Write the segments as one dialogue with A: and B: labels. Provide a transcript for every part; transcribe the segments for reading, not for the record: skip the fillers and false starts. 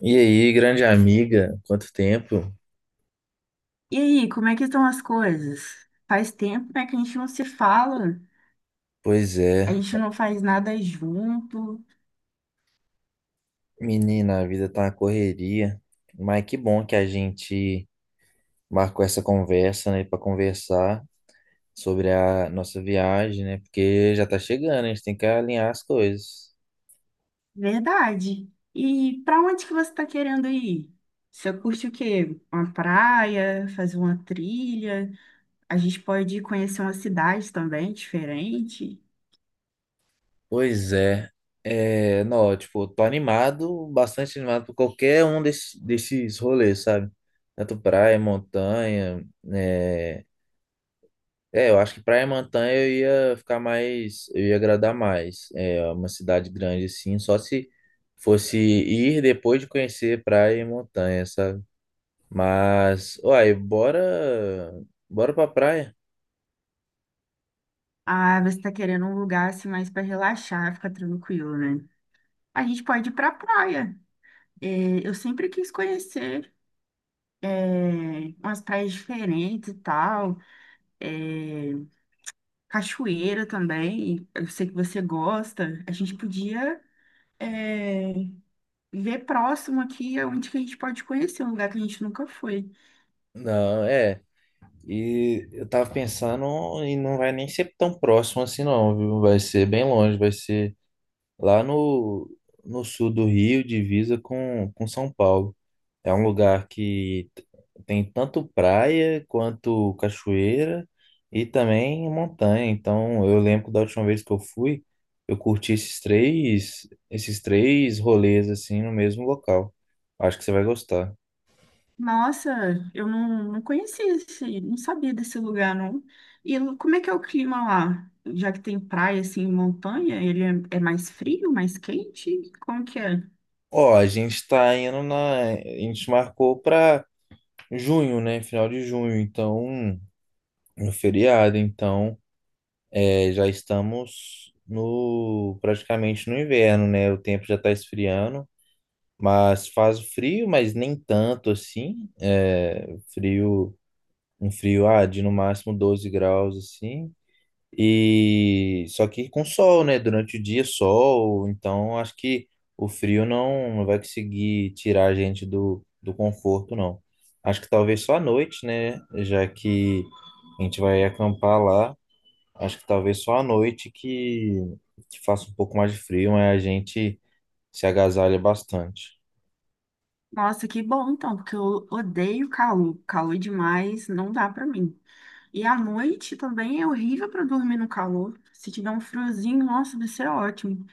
A: E aí, grande amiga, quanto tempo?
B: E aí, como é que estão as coisas? Faz tempo, né, que a gente não se fala,
A: Pois
B: a
A: é,
B: gente não faz nada junto.
A: menina, a vida tá uma correria, mas que bom que a gente marcou essa conversa, né, para conversar sobre a nossa viagem, né, porque já tá chegando, a gente tem que alinhar as coisas.
B: Verdade. E para onde que você está querendo ir? Você curte o quê? Uma praia, fazer uma trilha? A gente pode ir conhecer uma cidade também diferente.
A: Pois é, não, tipo, tô animado, bastante animado por qualquer um desses rolês, sabe? Tanto praia, montanha, né? É, eu acho que praia e montanha eu ia ficar mais, eu ia agradar mais. É uma cidade grande assim, só se fosse ir depois de conhecer praia e montanha, sabe? Mas, uai, bora, bora pra praia.
B: Ah, você está querendo um lugar assim mais para relaxar, ficar tranquilo, né? A gente pode ir para praia. É, eu sempre quis conhecer umas praias diferentes e tal. É, cachoeira também. Eu sei que você gosta. A gente podia, é, ver próximo aqui onde que a gente pode conhecer um lugar que a gente nunca foi.
A: Não, é. E eu tava pensando e não vai nem ser tão próximo assim não, viu? Vai ser bem longe, vai ser lá no sul do Rio, divisa com São Paulo. É um lugar que tem tanto praia quanto cachoeira e também montanha. Então, eu lembro da última vez que eu fui, eu curti esses três rolês assim no mesmo local. Acho que você vai gostar.
B: Nossa, eu não conhecia esse, não sabia desse lugar, não. Como é que é o clima lá? Já que tem praia, assim, montanha, é mais frio, mais quente? Como que é?
A: Ó, a gente está indo a gente marcou para junho, né? Final de junho, então no feriado, então já estamos praticamente no inverno, né? O tempo já está esfriando. Mas faz frio, mas nem tanto assim. É frio, um frio, de no máximo 12 graus assim. E só que com sol, né? Durante o dia, sol. Então acho que o frio não vai conseguir tirar a gente do conforto, não. Acho que talvez só à noite, né? Já que a gente vai acampar lá. Acho que talvez só à noite que faça um pouco mais de frio, mas a gente se agasalha bastante.
B: Nossa, que bom, então, porque eu odeio calor. Calor demais, não dá pra mim. E à noite também é horrível para dormir no calor. Se tiver um friozinho, nossa, vai ser ótimo.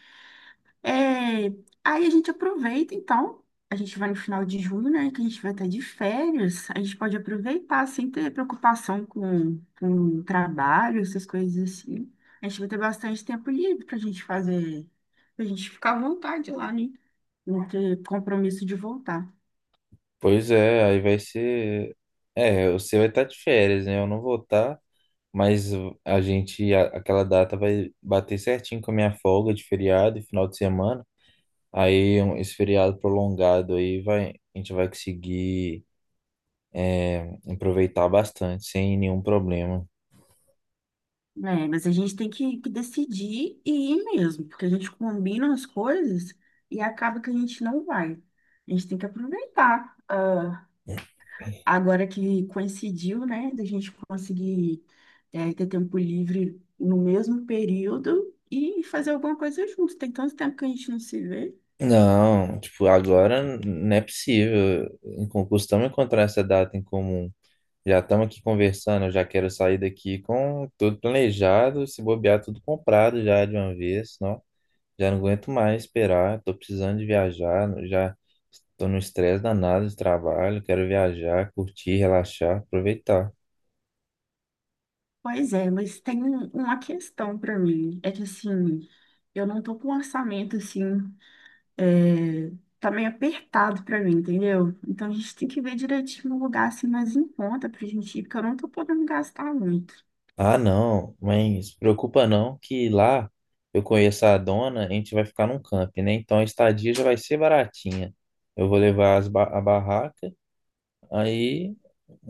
B: É, Aí a gente aproveita, então. A gente vai no final de julho, né? Que a gente vai estar de férias. A gente pode aproveitar sem ter preocupação com trabalho, essas coisas assim. A gente vai ter bastante tempo livre para a gente fazer, para a gente ficar à vontade lá, né? Não ter compromisso de voltar.
A: Pois é, aí vai ser. É, você vai estar de férias, né? Eu não vou estar, mas aquela data vai bater certinho com a minha folga de feriado e final de semana. Aí esse feriado prolongado aí vai, a gente vai conseguir aproveitar bastante, sem nenhum problema.
B: É, mas a gente tem que decidir e ir mesmo, porque a gente combina as coisas e acaba que a gente não vai. A gente tem que aproveitar. Agora que coincidiu, né, da gente conseguir ter tempo livre no mesmo período e fazer alguma coisa junto. Tem tanto tempo que a gente não se vê.
A: Não, tipo, agora não é possível em concurso, costumamos encontrar essa data em comum. Já estamos aqui conversando, eu já quero sair daqui com tudo planejado, se bobear tudo comprado já de uma vez, não? Já não aguento mais esperar, estou precisando de viajar, já estou no estresse danado de trabalho, quero viajar, curtir, relaxar, aproveitar.
B: Pois é, mas tem uma questão para mim. É que assim, eu não tô com um orçamento assim. é, tá meio apertado pra mim, entendeu? Então a gente tem que ver direitinho um lugar assim mais em conta pra gente ir, porque eu não tô podendo gastar muito.
A: Ah, não, mas se preocupa não, que lá eu conheço a dona, a gente vai ficar num camping, né? Então a estadia já vai ser baratinha. Eu vou levar a barraca. Aí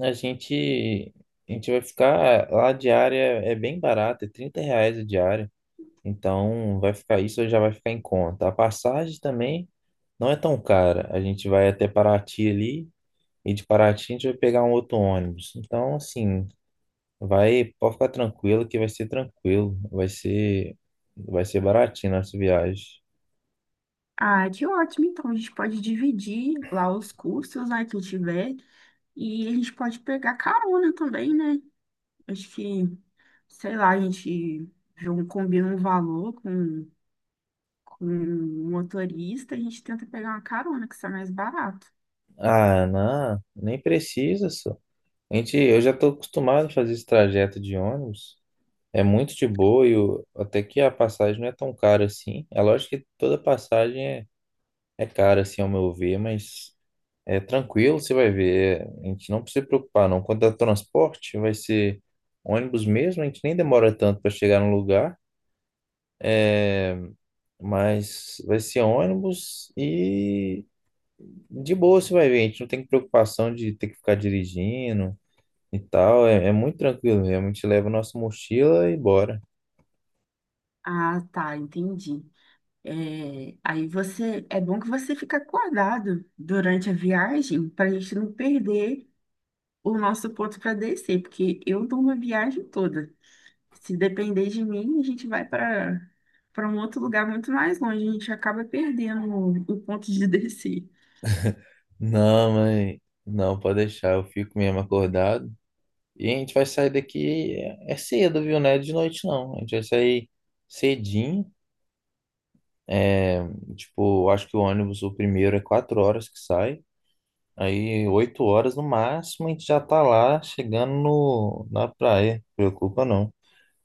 A: a gente, a gente vai ficar. Lá a diária é bem barata, é R$ 30 a diária. Então vai ficar isso, já vai ficar em conta. A passagem também não é tão cara. A gente vai até Paraty ali, e de Paraty a gente vai pegar um outro ônibus. Então, assim, pode ficar tranquilo que vai ser tranquilo. Vai ser baratinho nossa viagem.
B: Ah, que ótimo, então a gente pode dividir lá os custos, né, que tiver, e a gente pode pegar carona também, né? Acho que, sei lá, a gente combina um valor com o motorista, a gente tenta pegar uma carona que sai mais barato.
A: Ah, não, nem precisa, só. Eu já estou acostumado a fazer esse trajeto de ônibus. É muito de boa e até que a passagem não é tão cara assim. É lógico que toda passagem é cara, assim, ao meu ver, mas é tranquilo, você vai ver. A gente não precisa se preocupar, não. Quanto ao transporte, vai ser ônibus mesmo, a gente nem demora tanto para chegar no lugar. É, mas vai ser ônibus e de boa você vai ver. A gente não tem preocupação de ter que ficar dirigindo e tal. É muito tranquilo mesmo. A gente leva a nossa mochila e bora.
B: Ah, tá, entendi. É, aí você, é bom que você fica acordado durante a viagem para a gente não perder o nosso ponto para descer, porque eu durmo a viagem toda. Se depender de mim, a gente vai para um outro lugar muito mais longe, a gente acaba perdendo o ponto de descer.
A: Não, mãe, não, pode deixar, eu fico mesmo acordado. E a gente vai sair daqui cedo, viu? Não é de noite, não. A gente vai sair cedinho. É, tipo, acho que o ônibus, o primeiro, é quatro horas que sai. Aí, oito horas no máximo, a gente já tá lá chegando na praia. Não preocupa, não.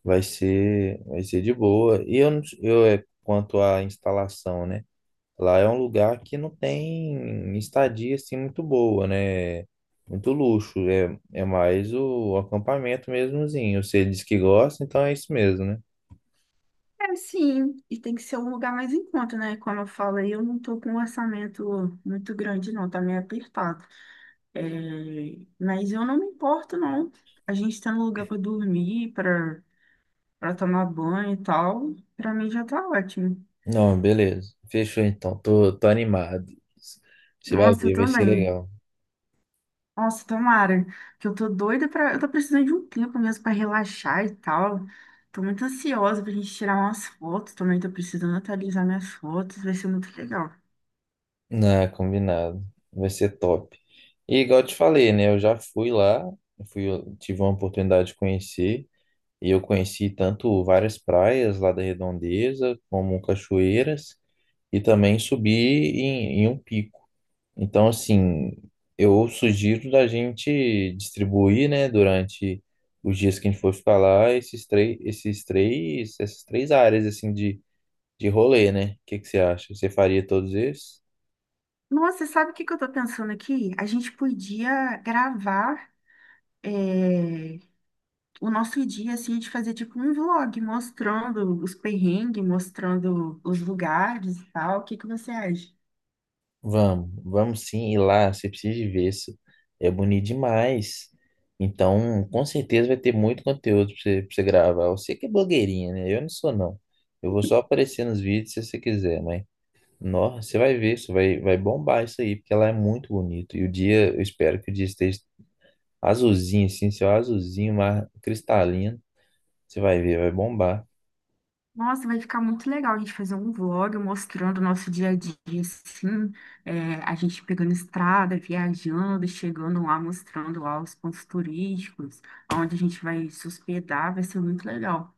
A: Vai ser de boa. E eu, quanto à instalação, né? Lá é um lugar que não tem estadia assim muito boa, né? Muito luxo. É mais o acampamento mesmozinho. Você diz que gosta, então é isso mesmo, né?
B: É, sim, e tem que ser um lugar mais em conta, né? Como eu falo, aí, eu não estou com um orçamento muito grande, não, tá meio apertado. É, mas eu não me importo, não. A gente está no lugar para dormir, para tomar banho e tal, para mim já tá ótimo.
A: Não, beleza. Fechou então. Tô animado. Você vai
B: Nossa, eu
A: ver, vai ser
B: também.
A: legal.
B: Nossa, tomara, que eu tô doida para, eu tô precisando de um tempo mesmo para relaxar e tal. Tô muito ansiosa pra gente tirar umas fotos, também tô precisando atualizar minhas fotos, vai ser muito legal.
A: Não, combinado. Vai ser top. E igual eu te falei, né? Eu já fui lá, eu tive uma oportunidade de conhecer. E eu conheci tanto várias praias lá da Redondeza, como cachoeiras. E também subir em um pico. Então, assim, eu sugiro da gente distribuir, né, durante os dias que a gente for ficar lá, essas três áreas, assim, de rolê, né? O que que você acha? Você faria todos esses.
B: Nossa, sabe o que que eu tô pensando aqui? A gente podia gravar é, o nosso dia, assim, de fazer tipo um vlog mostrando os perrengues, mostrando os lugares e tal. O que que você acha?
A: Vamos, vamos sim ir lá, você precisa de ver isso. É bonito demais. Então, com certeza vai ter muito conteúdo pra você gravar. Você que é blogueirinha, né? Eu não sou, não. Eu vou só aparecer nos vídeos se você quiser, mas nossa, você vai ver, você vai bombar isso aí, porque ela é muito bonito. E o dia, eu espero que o dia esteja azulzinho, assim, seu azulzinho, mas cristalino. Você vai ver, vai bombar.
B: Nossa, vai ficar muito legal a gente fazer um vlog mostrando o nosso dia a dia, assim, a gente pegando estrada, viajando, chegando lá, mostrando lá os pontos turísticos, onde a gente vai se hospedar, vai ser muito legal.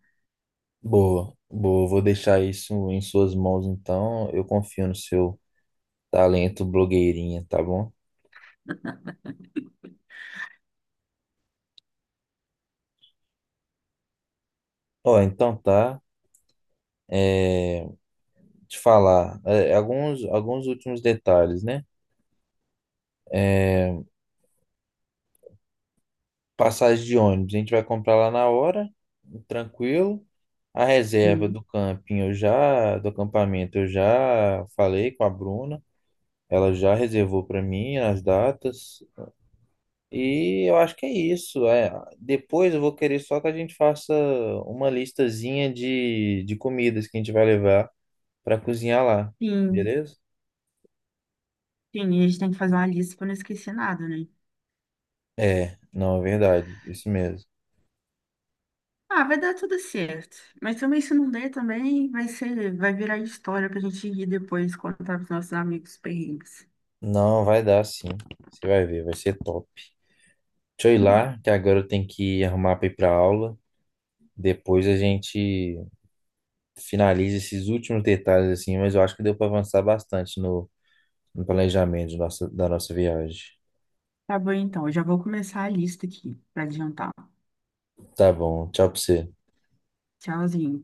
A: Boa, boa. Vou deixar isso em suas mãos, então. Eu confio no seu talento blogueirinha, tá bom? Ó, então tá. é, Te falar, alguns últimos detalhes, né? É, Passagem de ônibus, a gente vai comprar lá na hora, tranquilo. A reserva
B: E,
A: do camping, do acampamento, eu já falei com a Bruna, ela já reservou para mim as datas. E eu acho que é isso. Depois eu vou querer só que a gente faça uma listazinha de comidas que a gente vai levar para cozinhar lá,
B: sim,
A: beleza?
B: sim, e a gente tem que fazer uma lista para não esquecer nada, né?
A: É, não, é verdade, isso mesmo.
B: Ah, vai dar tudo certo. Mas também se não der, também vai ser, vai virar história para a gente ir depois contar para os nossos amigos perrengues.
A: Não, vai dar sim. Você vai ver, vai ser top. Deixa eu ir lá, que agora eu tenho que arrumar para ir para aula. Depois a gente finaliza esses últimos detalhes assim, mas eu acho que deu para avançar bastante no planejamento da nossa viagem.
B: Tá bom, então, eu já vou começar a lista aqui para adiantar.
A: Tá bom, tchau para você.
B: Tchauzinho.